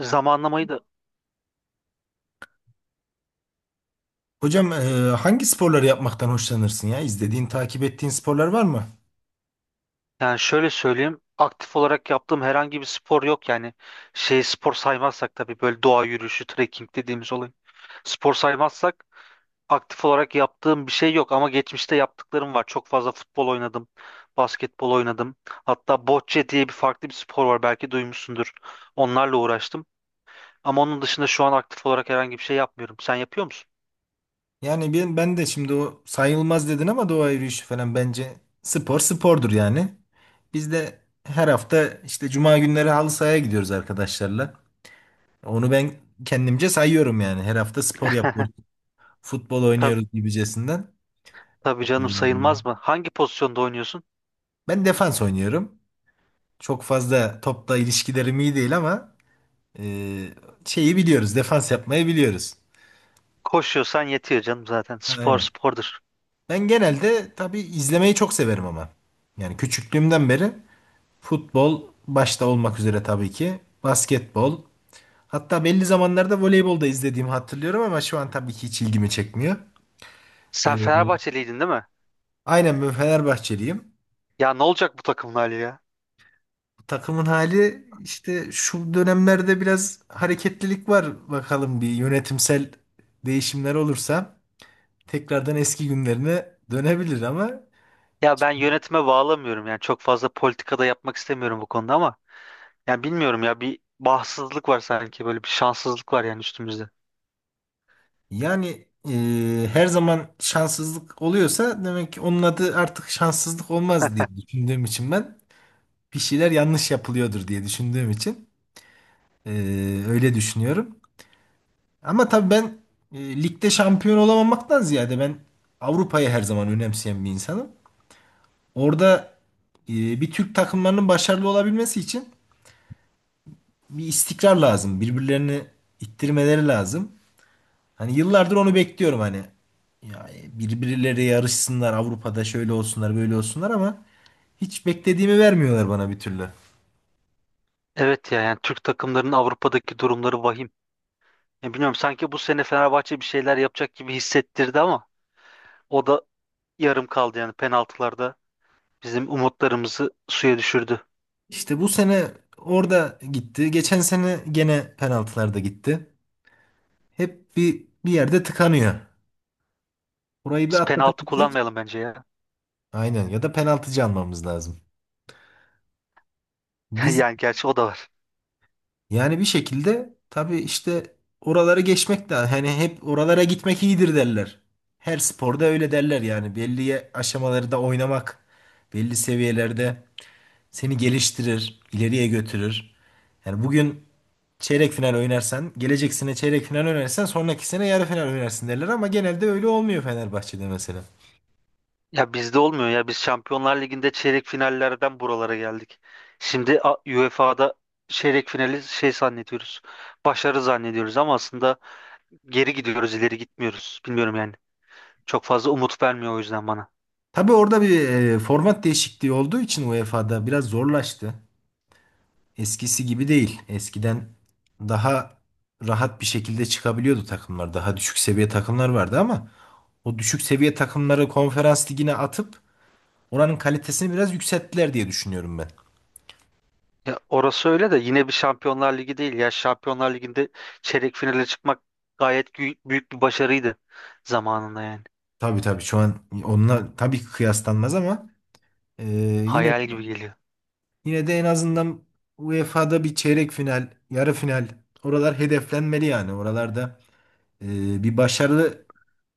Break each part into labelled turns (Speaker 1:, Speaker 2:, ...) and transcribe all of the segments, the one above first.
Speaker 1: Zamanlamayı da.
Speaker 2: Hocam hangi sporları yapmaktan hoşlanırsın ya? İzlediğin, takip ettiğin sporlar var mı?
Speaker 1: Yani şöyle söyleyeyim, aktif olarak yaptığım herhangi bir spor yok. Yani spor saymazsak tabii, böyle doğa yürüyüşü, trekking dediğimiz olay spor saymazsak aktif olarak yaptığım bir şey yok ama geçmişte yaptıklarım var. Çok fazla futbol oynadım, basketbol oynadım, hatta bocce diye bir farklı bir spor var, belki duymuşsundur. Onlarla uğraştım ama onun dışında şu an aktif olarak herhangi bir şey yapmıyorum. Sen yapıyor musun?
Speaker 2: Yani ben de şimdi o sayılmaz dedin ama doğa yürüyüşü falan bence spor spordur yani. Biz de her hafta işte cuma günleri halı sahaya gidiyoruz arkadaşlarla. Onu ben kendimce sayıyorum yani. Her hafta spor yapıyoruz. Futbol
Speaker 1: Tabii,
Speaker 2: oynuyoruz gibicesinden.
Speaker 1: tabii
Speaker 2: E,
Speaker 1: canım, sayılmaz mı? Hangi pozisyonda oynuyorsun?
Speaker 2: Ben defans oynuyorum. Çok fazla topla ilişkilerim iyi değil ama e, şeyi biliyoruz. Defans yapmayı biliyoruz.
Speaker 1: Koşuyorsan yetiyor canım zaten. Spor
Speaker 2: Aynen.
Speaker 1: spordur.
Speaker 2: Ben genelde tabii izlemeyi çok severim ama. Yani küçüklüğümden beri futbol başta olmak üzere tabii ki basketbol. Hatta belli zamanlarda voleybol da izlediğimi hatırlıyorum ama şu an tabii ki hiç ilgimi çekmiyor.
Speaker 1: Sen
Speaker 2: Ee,
Speaker 1: Fenerbahçeliydin değil mi?
Speaker 2: aynen ben Fenerbahçeliyim.
Speaker 1: Ya ne olacak bu takımın hali ya?
Speaker 2: Takımın hali işte şu dönemlerde biraz hareketlilik var. Bakalım bir yönetimsel değişimler olursa tekrardan eski günlerine dönebilir ama
Speaker 1: Ya ben yönetime bağlamıyorum, yani çok fazla politikada yapmak istemiyorum bu konuda ama yani bilmiyorum ya, bir bahtsızlık var sanki, böyle bir şanssızlık var yani üstümüzde.
Speaker 2: yani her zaman şanssızlık oluyorsa demek ki onun adı artık şanssızlık olmaz diye düşündüğüm için ben bir şeyler yanlış yapılıyordur diye düşündüğüm için e, öyle düşünüyorum. Ama tabii ben ligde şampiyon olamamaktan ziyade ben Avrupa'yı her zaman önemseyen bir insanım. Orada bir Türk takımlarının başarılı olabilmesi için bir istikrar lazım. Birbirlerini ittirmeleri lazım. Hani yıllardır onu bekliyorum hani. Ya birbirleri yarışsınlar Avrupa'da şöyle olsunlar böyle olsunlar ama hiç beklediğimi vermiyorlar bana bir türlü.
Speaker 1: Evet ya, yani Türk takımlarının Avrupa'daki durumları vahim. Ya bilmiyorum, sanki bu sene Fenerbahçe bir şeyler yapacak gibi hissettirdi ama o da yarım kaldı yani, penaltılarda bizim umutlarımızı suya düşürdü.
Speaker 2: İşte bu sene orada gitti. Geçen sene gene penaltılarda gitti. Hep bir yerde tıkanıyor. Burayı bir
Speaker 1: Biz penaltı
Speaker 2: atlatabilsek.
Speaker 1: kullanmayalım bence ya.
Speaker 2: Aynen ya da penaltıcı almamız lazım. Biz
Speaker 1: Yani gerçi o da var.
Speaker 2: yani bir şekilde tabii işte oraları geçmek de hani hep oralara gitmek iyidir derler. Her sporda öyle derler yani belli aşamaları da oynamak belli seviyelerde seni geliştirir, ileriye götürür. Yani bugün çeyrek final oynarsan, gelecek sene çeyrek final oynarsan sonraki sene yarı final oynarsın derler ama genelde öyle olmuyor Fenerbahçe'de mesela.
Speaker 1: Ya bizde olmuyor ya. Biz Şampiyonlar Ligi'nde çeyrek finallerden buralara geldik. Şimdi UEFA'da çeyrek finali şey zannediyoruz. Başarı zannediyoruz ama aslında geri gidiyoruz, ileri gitmiyoruz. Bilmiyorum yani. Çok fazla umut vermiyor o yüzden bana.
Speaker 2: Tabii orada bir format değişikliği olduğu için UEFA'da biraz zorlaştı. Eskisi gibi değil. Eskiden daha rahat bir şekilde çıkabiliyordu takımlar. Daha düşük seviye takımlar vardı ama o düşük seviye takımları konferans ligine atıp oranın kalitesini biraz yükselttiler diye düşünüyorum ben.
Speaker 1: Ya orası öyle de yine bir Şampiyonlar Ligi değil ya. Şampiyonlar Ligi'nde çeyrek finale çıkmak gayet büyük bir başarıydı zamanında yani.
Speaker 2: Tabii tabii şu an onunla tabii ki kıyaslanmaz ama e, yine
Speaker 1: Hayal gibi geliyor.
Speaker 2: yine de en azından UEFA'da bir çeyrek final, yarı final oralar hedeflenmeli yani. Oralarda bir başarılı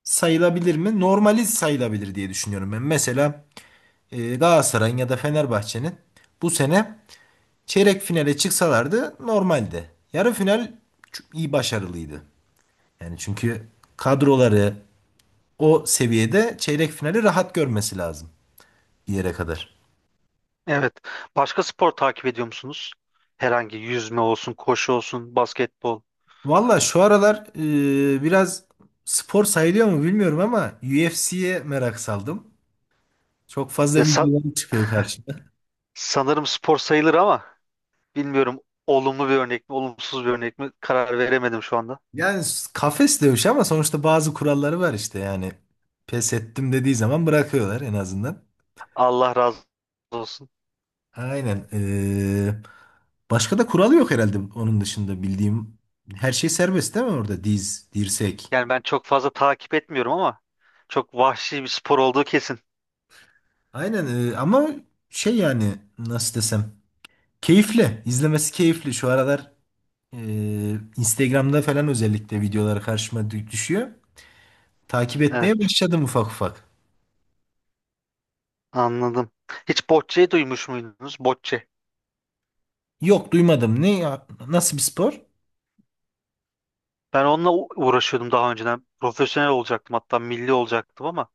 Speaker 2: sayılabilir mi? Normali sayılabilir diye düşünüyorum ben. Mesela Galatasaray'ın ya da Fenerbahçe'nin bu sene çeyrek finale çıksalardı normaldi. Yarı final çok iyi başarılıydı. Yani çünkü kadroları o seviyede çeyrek finali rahat görmesi lazım bir yere kadar.
Speaker 1: Evet. Başka spor takip ediyor musunuz? Herhangi yüzme olsun, koşu olsun, basketbol.
Speaker 2: Valla şu aralar biraz spor sayılıyor mu bilmiyorum ama UFC'ye merak saldım. Çok fazla
Speaker 1: Ya
Speaker 2: videolar çıkıyor karşıma.
Speaker 1: sanırım spor sayılır ama bilmiyorum, olumlu bir örnek mi, olumsuz bir örnek mi karar veremedim şu anda.
Speaker 2: Yani kafes dövüşü ama sonuçta bazı kuralları var işte yani. Pes ettim dediği zaman bırakıyorlar en azından.
Speaker 1: Allah razı olsun.
Speaker 2: Aynen. Başka da kuralı yok herhalde onun dışında bildiğim. Her şey serbest değil mi orada? Diz, dirsek.
Speaker 1: Yani ben çok fazla takip etmiyorum ama çok vahşi bir spor olduğu kesin.
Speaker 2: Aynen ama şey yani nasıl desem. Keyifli. İzlemesi keyifli. Şu aralar Instagram'da falan özellikle videolar karşıma düşüyor. Takip etmeye
Speaker 1: Evet,
Speaker 2: başladım ufak ufak.
Speaker 1: anladım. Hiç bocceyi duymuş muydunuz? Bocce.
Speaker 2: Yok duymadım. Ne ya? Nasıl bir spor?
Speaker 1: Ben onunla uğraşıyordum daha önceden. Profesyonel olacaktım, hatta milli olacaktım ama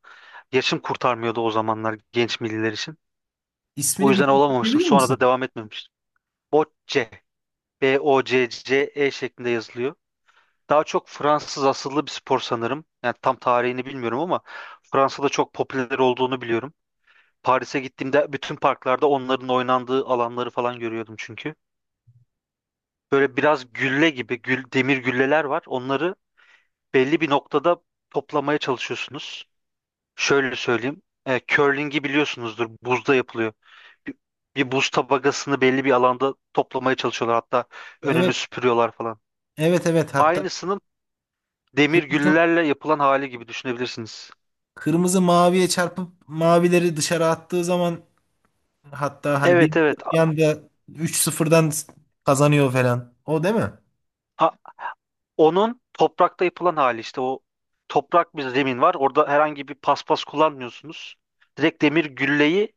Speaker 1: yaşım kurtarmıyordu o zamanlar genç milliler için. O
Speaker 2: İsmini bir
Speaker 1: yüzden olamamıştım.
Speaker 2: diyebilir
Speaker 1: Sonra da
Speaker 2: misin?
Speaker 1: devam etmemiştim. Bocce. Bocce şeklinde yazılıyor. Daha çok Fransız asıllı bir spor sanırım. Yani tam tarihini bilmiyorum ama Fransa'da çok popüler olduğunu biliyorum. Paris'e gittiğimde bütün parklarda onların oynandığı alanları falan görüyordum çünkü. Böyle biraz gülle gibi, gül, demir gülleler var. Onları belli bir noktada toplamaya çalışıyorsunuz. Şöyle söyleyeyim. Curling'i biliyorsunuzdur. Buzda yapılıyor. Bir, bir buz tabakasını belli bir alanda toplamaya çalışıyorlar. Hatta önünü
Speaker 2: Evet.
Speaker 1: süpürüyorlar falan.
Speaker 2: Evet, evet. Hatta
Speaker 1: Aynısının demir
Speaker 2: kırmızı,
Speaker 1: güllelerle yapılan hali gibi düşünebilirsiniz.
Speaker 2: kırmızı maviye çarpıp mavileri dışarı attığı zaman, hatta hani bir
Speaker 1: Evet, evet.
Speaker 2: bir anda 3-0'dan kazanıyor falan. O değil mi?
Speaker 1: A- onun toprakta yapılan hali, işte o toprak bir zemin var. Orada herhangi bir paspas kullanmıyorsunuz. Direkt demir gülleyi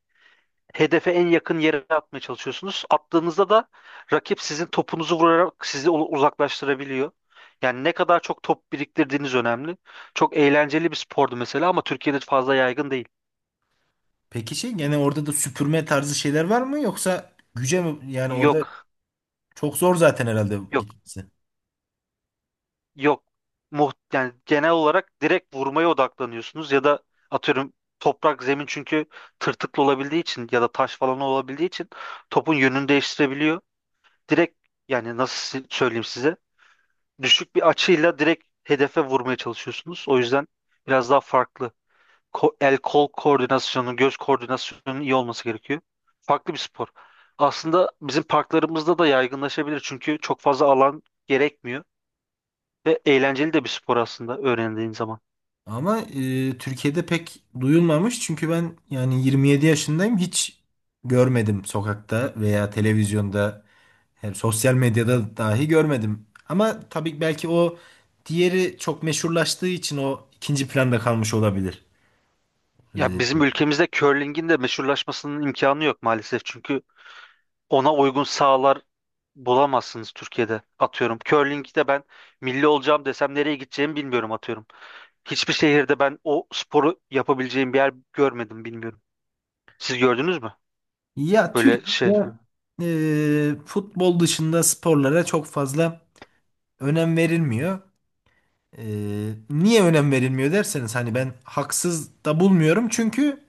Speaker 1: hedefe en yakın yere atmaya çalışıyorsunuz. Attığınızda da rakip sizin topunuzu vurarak sizi uzaklaştırabiliyor. Yani ne kadar çok top biriktirdiğiniz önemli. Çok eğlenceli bir spordu mesela ama Türkiye'de fazla yaygın değil.
Speaker 2: Peki şey yani orada da süpürme tarzı şeyler var mı yoksa güce mi? Yani orada
Speaker 1: Yok.
Speaker 2: çok zor zaten herhalde
Speaker 1: Yok.
Speaker 2: gitmesi.
Speaker 1: Yok. Muht yani genel olarak direkt vurmaya odaklanıyorsunuz ya da atıyorum, toprak zemin çünkü tırtıklı olabildiği için ya da taş falan olabildiği için topun yönünü değiştirebiliyor. Direkt, yani nasıl söyleyeyim size, düşük bir açıyla direkt hedefe vurmaya çalışıyorsunuz. O yüzden biraz daha farklı. El kol koordinasyonu, göz koordinasyonunun iyi olması gerekiyor. Farklı bir spor. Aslında bizim parklarımızda da yaygınlaşabilir çünkü çok fazla alan gerekmiyor. Ve eğlenceli de bir spor aslında öğrendiğin zaman.
Speaker 2: Ama Türkiye'de pek duyulmamış çünkü ben yani 27 yaşındayım hiç görmedim sokakta veya televizyonda hem sosyal medyada dahi görmedim. Ama tabii belki o diğeri çok meşhurlaştığı için o ikinci planda kalmış olabilir.
Speaker 1: Ya
Speaker 2: E,
Speaker 1: bizim ülkemizde curling'in de meşhurlaşmasının imkanı yok maalesef. Çünkü ona uygun sahalar bulamazsınız Türkiye'de. Atıyorum, curling'de ben milli olacağım desem nereye gideceğimi bilmiyorum, atıyorum. Hiçbir şehirde ben o sporu yapabileceğim bir yer görmedim, bilmiyorum. Siz gördünüz mü?
Speaker 2: Ya
Speaker 1: Böyle şey.
Speaker 2: Türkiye'de futbol dışında sporlara çok fazla önem verilmiyor. Niye önem verilmiyor derseniz hani ben haksız da bulmuyorum. Çünkü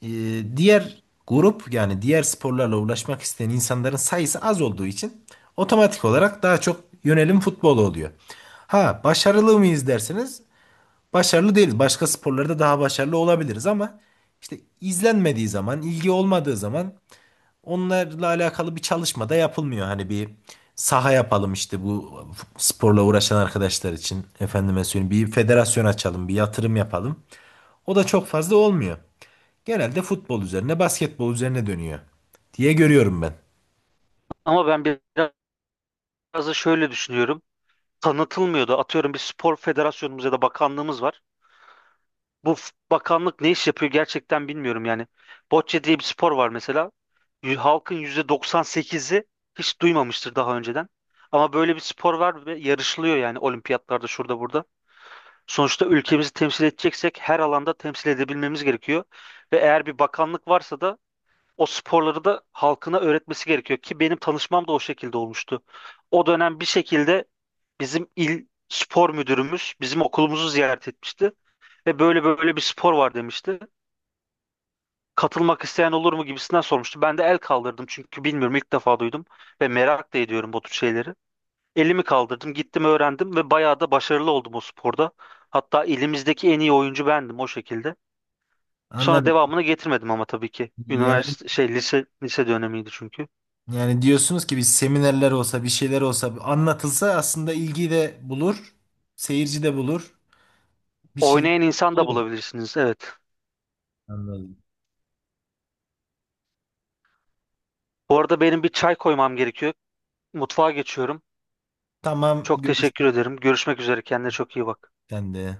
Speaker 2: diğer grup yani diğer sporlarla uğraşmak isteyen insanların sayısı az olduğu için otomatik olarak daha çok yönelim futbola oluyor. Ha başarılı mıyız derseniz başarılı değiliz. Başka sporlarda daha başarılı olabiliriz ama işte izlenmediği zaman, ilgi olmadığı zaman onlarla alakalı bir çalışma da yapılmıyor. Hani bir saha yapalım işte bu sporla uğraşan arkadaşlar için. Efendime söyleyeyim bir federasyon açalım, bir yatırım yapalım. O da çok fazla olmuyor. Genelde futbol üzerine, basketbol üzerine dönüyor diye görüyorum ben.
Speaker 1: Ama ben biraz da şöyle düşünüyorum. Tanıtılmıyordu. Atıyorum, bir spor federasyonumuz ya da bakanlığımız var. Bu bakanlık ne iş yapıyor gerçekten bilmiyorum yani. Bocce diye bir spor var mesela. Halkın %98'i hiç duymamıştır daha önceden. Ama böyle bir spor var ve yarışılıyor yani, olimpiyatlarda, şurada burada. Sonuçta ülkemizi temsil edeceksek her alanda temsil edebilmemiz gerekiyor. Ve eğer bir bakanlık varsa da o sporları da halkına öğretmesi gerekiyor ki benim tanışmam da o şekilde olmuştu. O dönem bir şekilde bizim il spor müdürümüz bizim okulumuzu ziyaret etmişti ve böyle bir spor var demişti, katılmak isteyen olur mu gibisinden sormuştu. Ben de el kaldırdım çünkü bilmiyorum, ilk defa duydum ve merak da ediyorum bu tür şeyleri. Elimi kaldırdım, gittim, öğrendim ve bayağı da başarılı oldum o sporda. Hatta ilimizdeki en iyi oyuncu bendim o şekilde. Sonra
Speaker 2: Anladım.
Speaker 1: devamını getirmedim ama tabii ki.
Speaker 2: Yani
Speaker 1: Üniversite lise dönemiydi çünkü.
Speaker 2: yani diyorsunuz ki bir seminerler olsa, bir şeyler olsa anlatılsa aslında ilgi de bulur, seyirci de bulur, bir şeyler
Speaker 1: Oynayan insan da
Speaker 2: bulur.
Speaker 1: bulabilirsiniz, evet.
Speaker 2: Anladım.
Speaker 1: Bu arada benim bir çay koymam gerekiyor. Mutfağa geçiyorum.
Speaker 2: Tamam,
Speaker 1: Çok teşekkür
Speaker 2: görüşürüz.
Speaker 1: ederim. Görüşmek üzere. Kendine çok iyi bak.
Speaker 2: Sen de.